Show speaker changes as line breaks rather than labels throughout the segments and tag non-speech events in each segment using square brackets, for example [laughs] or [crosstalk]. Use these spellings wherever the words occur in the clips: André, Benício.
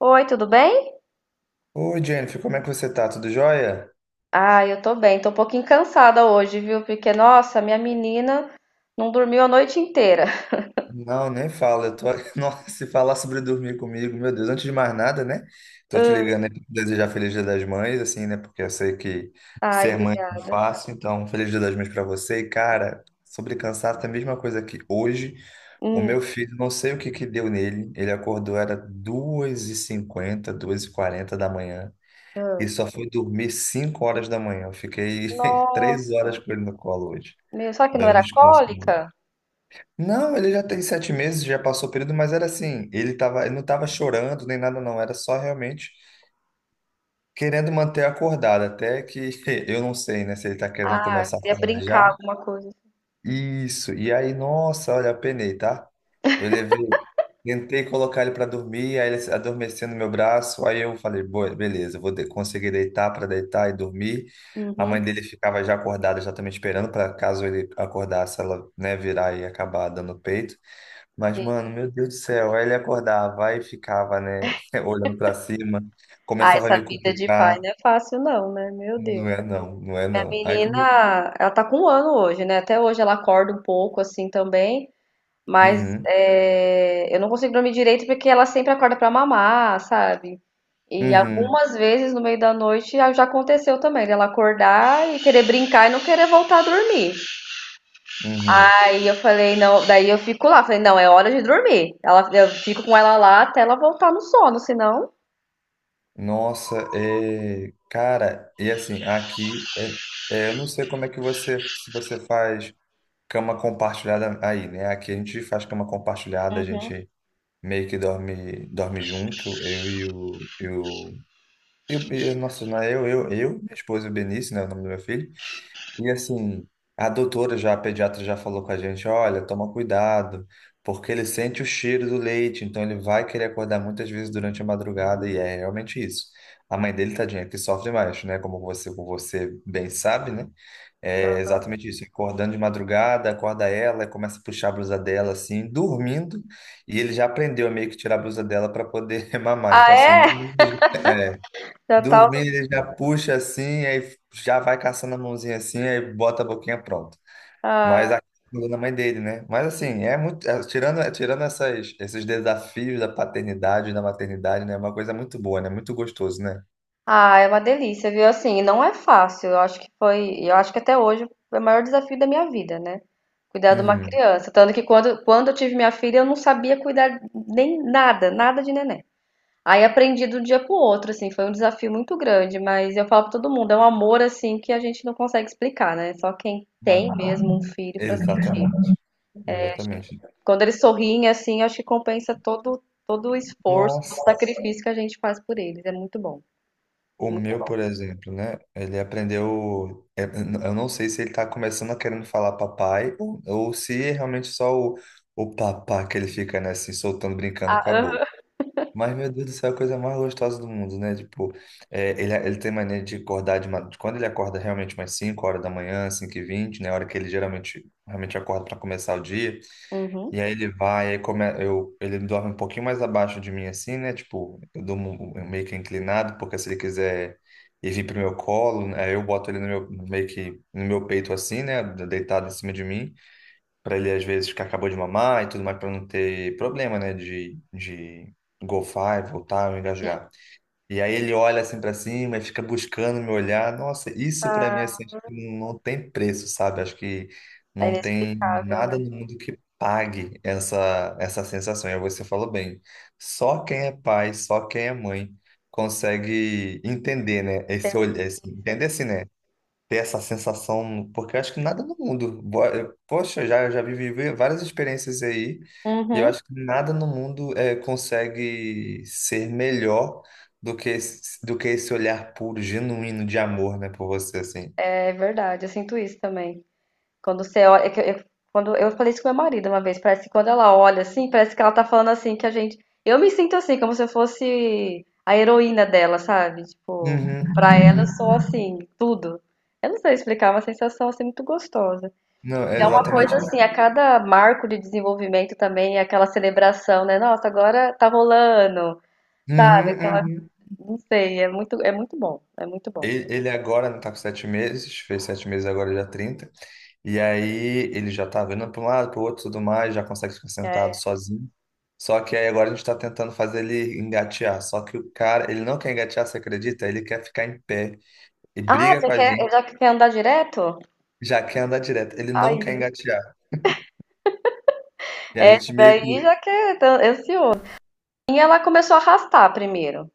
Oi, tudo bem?
Oi, Jennifer, como é que você tá? Tudo jóia?
Ah, eu tô bem. Tô um pouquinho cansada hoje, viu? Porque, nossa, minha menina não dormiu a noite inteira. [laughs]
Não, nem fala. [laughs] Nossa, se falar sobre dormir comigo, meu Deus, antes de mais nada, né? Tô te
Hum.
ligando aí pra te desejar Feliz Dia das Mães, assim, né? Porque eu sei que
Ai,
ser mãe não é
obrigada.
fácil, então Feliz Dia das Mães pra você. E, cara, sobre cansaço, é a mesma coisa que hoje. O
Hum,
meu filho, não sei o que que deu nele, ele acordou, era 2:50, 2:40 da manhã. E
hum.
só foi dormir 5 horas da manhã. Eu fiquei [laughs] 3
Nossa,
horas com ele no colo hoje,
meu, só que não
dando
era
descanso.
cólica?
Não, ele já tem 7 meses, já passou o período, mas era assim, ele não estava chorando nem nada não, era só realmente querendo manter acordado, até que [laughs] eu não sei, né, se ele está querendo
Ah,
começar a
queria
falar
brincar
já.
alguma coisa.
Isso, e aí, nossa, olha, penei, tá? Eu levei, tentei colocar ele para dormir, aí ele adormeceu no meu braço, aí eu falei, "Boa, beleza, eu vou conseguir deitar para deitar e dormir. A
Uhum,
mãe dele ficava já acordada, já também esperando para caso ele acordasse, ela, né, virar e acabar dando peito. Mas,
sim.
mano, meu Deus do céu, aí ele acordava e ficava, né, [laughs] olhando pra cima,
Ah,
começava a
essa
me
vida de pai
cutucar.
não é fácil não, né? Meu Deus.
Não é não, não é
Minha
não.
menina, ela tá com um ano hoje, né? Até hoje ela acorda um pouco assim também. Mas,
Uhum,
eu não consigo dormir direito porque ela sempre acorda pra mamar, sabe. E
uhum,
algumas vezes no meio da noite a já aconteceu também, dela acordar e querer brincar e não querer voltar a dormir.
uhum.
Aí eu falei: "Não", daí eu fico lá, falei: "Não, é hora de dormir". Ela eu fico com ela lá até ela voltar no sono, senão.
Nossa, cara, e assim, aqui, eu não sei como é que você, se você faz cama compartilhada aí, né? Aqui a gente faz cama compartilhada, a
Uhum.
gente meio que dorme junto, eu e o... eu, nossa, não é eu, minha esposa e o Benício, né, o nome do meu filho. E assim, a pediatra já falou com a gente, olha, toma cuidado, porque ele sente o cheiro do leite, então ele vai querer acordar muitas vezes durante a madrugada, e é realmente isso. A mãe dele, tadinha, é que sofre mais, né? Como você bem sabe, né? É exatamente isso. Acordando de madrugada, acorda ela, começa a puxar a blusa dela, assim, dormindo, e ele já aprendeu a meio que tirar a blusa dela para poder [laughs] mamar.
Ah,
Então, assim,
é?
dormindo, [laughs]
Já
dormindo, ele já puxa assim, aí já vai caçando a mãozinha assim, aí bota a boquinha pronto. Mas
tá.
a da mãe dele, né? Mas assim, é muito. tirando esses desafios da paternidade, e da maternidade, né? É uma coisa muito boa, né? Muito gostoso, né?
Ah, é uma delícia, viu? Assim, não é fácil. Eu acho que até hoje foi o maior desafio da minha vida, né? Cuidar de uma
Uhum.
criança. Tanto que quando eu tive minha filha, eu não sabia cuidar nem nada, nada de neném. Aí aprendi do dia pro outro, assim, foi um desafio muito grande, mas eu falo pra todo mundo, é um amor assim que a gente não consegue explicar, né? Só quem
Ah,
tem mesmo um filho pra sentir.
exatamente. Exatamente.
Quando eles sorriem assim, acho que compensa todo o esforço, todo o
Nossa.
sacrifício que a gente faz por eles. É muito bom,
O
muito
meu,
bom.
por exemplo, né? Ele aprendeu. Eu não sei se ele tá começando a querendo falar papai ou se é realmente só o papá que ele fica, né, assim, soltando, brincando com a boca.
Ah.
Mas, meu Deus do céu, é a coisa mais gostosa do mundo, né? Tipo, ele tem mania de acordar de madrugada. Quando ele acorda realmente umas 5 horas da manhã, 5:20, né? A hora que ele geralmente realmente acorda para começar o dia. E
Uhum.
aí ele vai, aí come... eu... Ele dorme um pouquinho mais abaixo de mim, assim, né? Tipo, eu durmo meio que inclinado, porque se ele quiser ir vir pro meu colo, né, aí eu boto ele no meio que no meu peito, assim, né? Deitado em cima de mim, para ele, às vezes, que acabou de mamar e tudo mais, para não ter problema, né? De golfar e voltar ou
Sim.
engasgar. E aí ele olha assim pra cima e fica buscando me olhar. Nossa, isso pra mim
Ah,
assim, acho que não tem preço, sabe? Acho que
é
não tem
inexplicável,
nada
né?
no mundo que pague essa sensação. E aí você falou bem. Só quem é pai, só quem é mãe consegue entender, né? Esse olhar, entender assim, né? Ter essa sensação, porque eu acho que nada no mundo. Poxa, eu já vivi várias experiências aí, e eu
Uhum.
acho que nada no mundo consegue ser melhor do que, do que esse olhar puro, genuíno de amor, né, por você, assim.
É verdade, eu sinto isso também. Quando você olha, quando eu falei isso com meu marido uma vez, parece que quando ela olha assim, parece que ela tá falando assim que a gente, eu me sinto assim, como se eu fosse a heroína dela, sabe? Tipo,
Uhum,
pra ela eu
uhum.
sou assim, tudo. Eu não sei explicar, é uma sensação assim muito gostosa.
Não, é
E é uma coisa
exatamente
assim,
isso.
a cada marco de desenvolvimento também, é aquela celebração, né? Nossa, agora tá rolando,
Uhum,
sabe?
uhum.
Não sei, é muito bom, é muito bom.
Ele agora não tá com 7 meses, fez sete meses agora já trinta. E aí ele já tá vendo para um lado, para o outro, tudo mais, já consegue ficar sentado
É.
sozinho. Só que aí agora a gente está tentando fazer ele engatear. Só que o cara, ele não quer engatear, você acredita? Ele quer ficar em pé e
Ah,
briga com a gente,
já quer andar direto?
já quer andar direto. Ele não
Aí,
quer engatear. E a
essa
gente meio que.
daí já quer, tá ansioso. E ela começou a arrastar primeiro.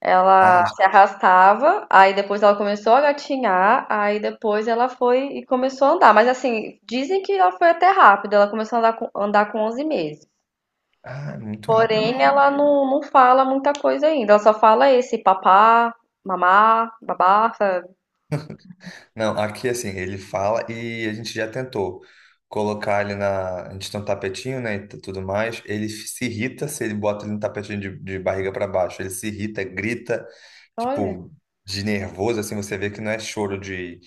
Ela
Ah,
se arrastava, aí depois ela começou a gatinhar, aí depois ela foi e começou a andar. Mas assim, dizem que ela foi até rápido, ela começou a andar com 11 meses.
ah, é muito rápido
Porém,
mesmo.
ela não fala muita coisa ainda, ela só fala esse papá, mamá, babá, sabe?
Não, aqui assim, ele fala e a gente já tentou colocar ele na. A gente tem um tapetinho, né? E tudo mais. Ele se irrita se ele bota ele no tapetinho de barriga para baixo. Ele se irrita, grita.
Olha,
Tipo, de nervoso, assim, você vê que não é choro de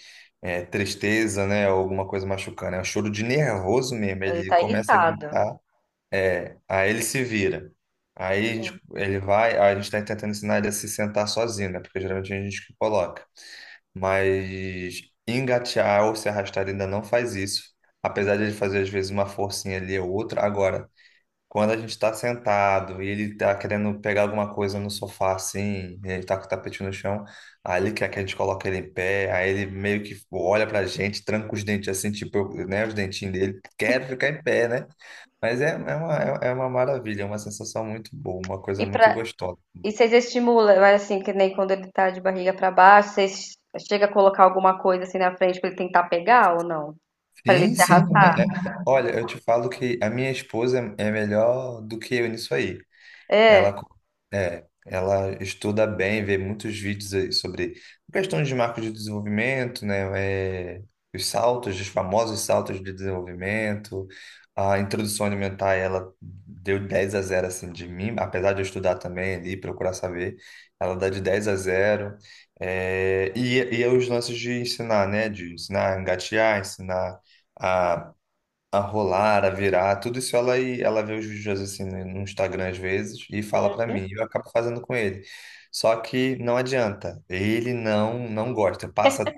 tristeza, né, ou alguma coisa machucando, é um choro de nervoso mesmo.
ele
Ele
tá
começa a
irritado.
gritar, aí ele se vira. Ele vai, a gente está tentando ensinar ele a se sentar sozinho, né, porque geralmente a gente que coloca. Mas engatear ou se arrastar ele ainda não faz isso. Apesar de ele fazer às vezes uma forcinha ali ou outra, agora quando a gente está sentado e ele tá querendo pegar alguma coisa no sofá assim, e ele tá com o tapete no chão, aí ele quer que a gente coloque ele em pé, aí ele meio que olha pra gente, tranca os dentes assim, tipo, né, os dentinhos dele, quer ficar em pé, né? Mas é uma maravilha, é uma sensação muito boa, uma coisa
E
muito
pra.
gostosa.
E vocês estimulam, mas assim, que nem quando ele tá de barriga pra baixo, vocês chega a colocar alguma coisa assim na frente pra ele tentar pegar ou não? Pra ele
Sim,
se
sim.
arrastar?
Olha, eu te falo que a minha esposa é melhor do que eu nisso aí.
É,
Ela, co- ela estuda bem, vê muitos vídeos aí sobre questões de marcos de desenvolvimento, né? é, os saltos, os famosos saltos de desenvolvimento. A introdução alimentar, ela deu 10 a 0 assim, de mim. Apesar de eu estudar também ali, procurar saber, ela dá de 10 a 0. É, e os lances de ensinar, né? De ensinar a engatear, ensinar a rolar, a virar, tudo isso ela vê os vídeos assim no Instagram às vezes e fala pra mim, e eu acabo fazendo com ele. Só que não adianta, ele não gosta. Passa,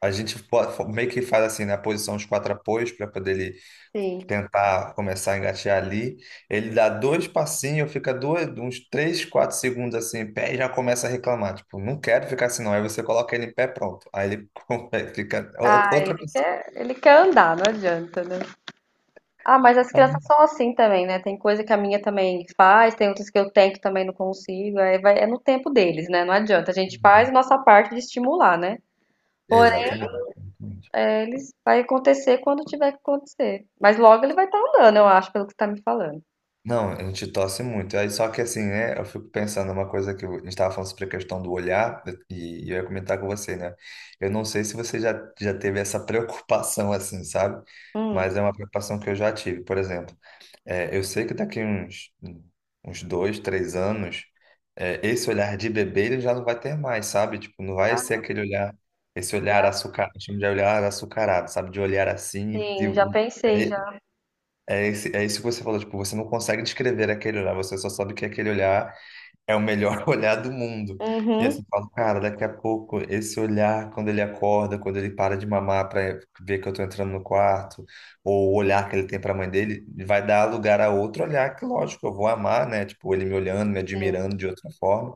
a gente po- fo- meio que faz assim, né, a posição os quatro apoios para poder ele
sim.
tentar começar a engatear ali. Ele dá dois passinhos, fica dois, uns três, 4 segundos assim, em pé e já começa a reclamar, tipo, não quero ficar assim não. Aí você coloca ele em pé, pronto. Aí ele [laughs] fica
Ah,
outra pessoa.
ele quer andar, não adianta, né? Ah, mas as crianças são assim também, né? Tem coisa que a minha também faz, tem outras que eu tento também não consigo. Aí vai, é no tempo deles, né? Não adianta. A gente faz a nossa parte de estimular, né? Porém,
Exatamente.
eles vai acontecer quando tiver que acontecer. Mas logo ele vai estar andando, eu acho, pelo que você tá me falando.
Não, a gente torce muito. Aí, só que assim, né? Eu fico pensando uma coisa que eu- A gente estava falando sobre a questão do olhar, e eu ia comentar com você, né? Eu não sei se você já teve essa [laughs] preocupação, assim, sabe?
Hum.
Mas é uma preocupação que eu já tive. Por exemplo, eu sei que daqui uns 2, 3 anos, esse olhar de bebê ele já não vai ter mais, sabe? Tipo, não vai ser
Ah.
aquele olhar, esse olhar açucarado, chama de olhar açucarado, sabe? De olhar assim
Sim, já pensei já.
e. É, é isso que você falou, tipo, você não consegue descrever aquele olhar, você só sabe que aquele olhar é o melhor [laughs] olhar do mundo. E
Uhum.
assim, eu falo, cara, daqui a pouco, esse olhar, quando ele acorda, quando ele para de mamar para ver que eu tô entrando no quarto, ou o olhar que ele tem para a mãe dele, vai dar lugar a outro olhar que, lógico, eu vou amar, né? Tipo, ele me olhando, me
Sim,
admirando de outra forma,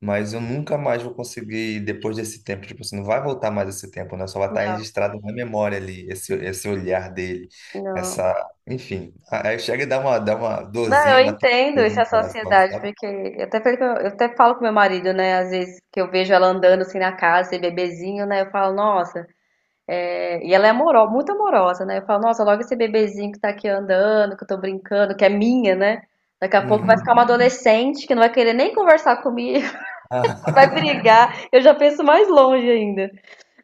mas eu nunca mais vou conseguir, depois desse tempo, tipo assim, não vai voltar mais esse tempo, né? Só vai estar
não.
registrado na memória ali, esse olhar dele,
Não.
essa, enfim. Aí chega e dá uma
Não,
dorzinha,
eu
uma
entendo
tristeza
essa
no coração,
sociedade,
sabe?
porque eu até falo com meu marido, né? Às vezes que eu vejo ela andando assim na casa, esse bebezinho, né? Eu falo, nossa, é... e ela é amorosa, muito amorosa, né? Eu falo, nossa, logo esse bebezinho que tá aqui andando, que eu tô brincando, que é minha, né? Daqui a pouco vai
Uhum.
ficar uma adolescente que não vai querer nem conversar comigo,
Ah,
[laughs] vai
[laughs]
brigar. Eu já penso mais longe ainda.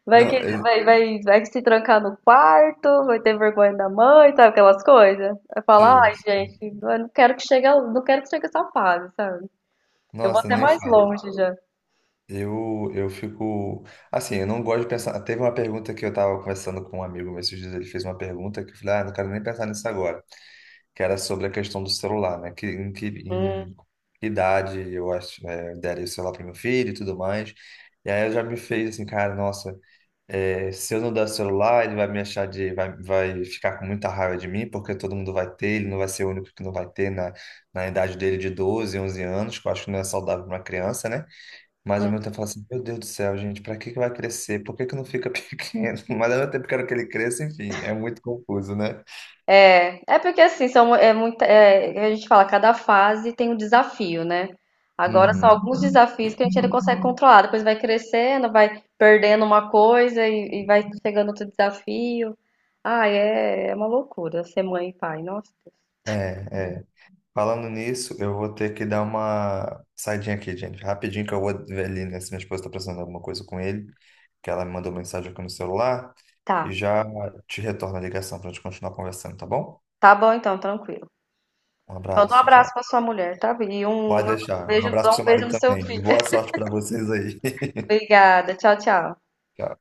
Vai
não,
que, vai se trancar no quarto, vai ter vergonha da mãe, sabe aquelas coisas? Vai falar,
sim.
ai, gente, eu não quero que chegue, ao- não quero que chegue essa fase, sabe? Vou
Nossa,
até
nem
mais
fala.
longe já.
Eu fico. Assim, eu não gosto de pensar. Teve uma pergunta que eu estava conversando com um amigo meu esses dias. Ele fez uma pergunta que eu falei, ah, não quero nem pensar nisso agora. Que era sobre a questão do celular, né? Que, em que
Hum,
em que idade eu acho, daria o celular para meu filho e tudo mais. E aí eu já me fez assim, cara, nossa. É, se eu não der o celular, ele vai me achar de, vai ficar com muita raiva de mim, porque todo mundo vai ter, ele não vai ser o único que não vai ter na idade dele de 12, 11 anos, que eu acho que não é saudável para uma criança, né? Mas ao mesmo tempo eu falo assim, meu Deus do céu, gente, para que que vai crescer? Por que que não fica [laughs] pequeno? Mas ao mesmo tempo quero que ele cresça, enfim, é muito confuso, né?
é. É porque assim, são, é muita, é, a gente fala, cada fase tem um desafio, né? Agora são
Uhum.
alguns desafios que a gente ainda consegue controlar. Depois vai crescendo, vai perdendo uma coisa e vai chegando outro desafio. Ah, é uma loucura ser mãe e pai. Nossa.
É, é. Falando nisso, eu vou ter que dar uma saidinha aqui, gente. Rapidinho que eu vou ver ali, né? Se minha esposa tá precisando de alguma coisa com ele, que ela me mandou mensagem aqui no celular. E
Tá.
já te retorno a ligação pra gente continuar conversando, tá bom?
Tá bom então, tranquilo.
Um
Manda um
abraço,
abraço
tchau.
pra sua mulher, tá? Vi? E um
Pode deixar. Um
beijo,
abraço
dá
pro
um
seu
beijo
marido
no seu
também. E
filho.
boa
[laughs]
sorte pra vocês aí.
Obrigada. Tchau, tchau.
[laughs] Tchau.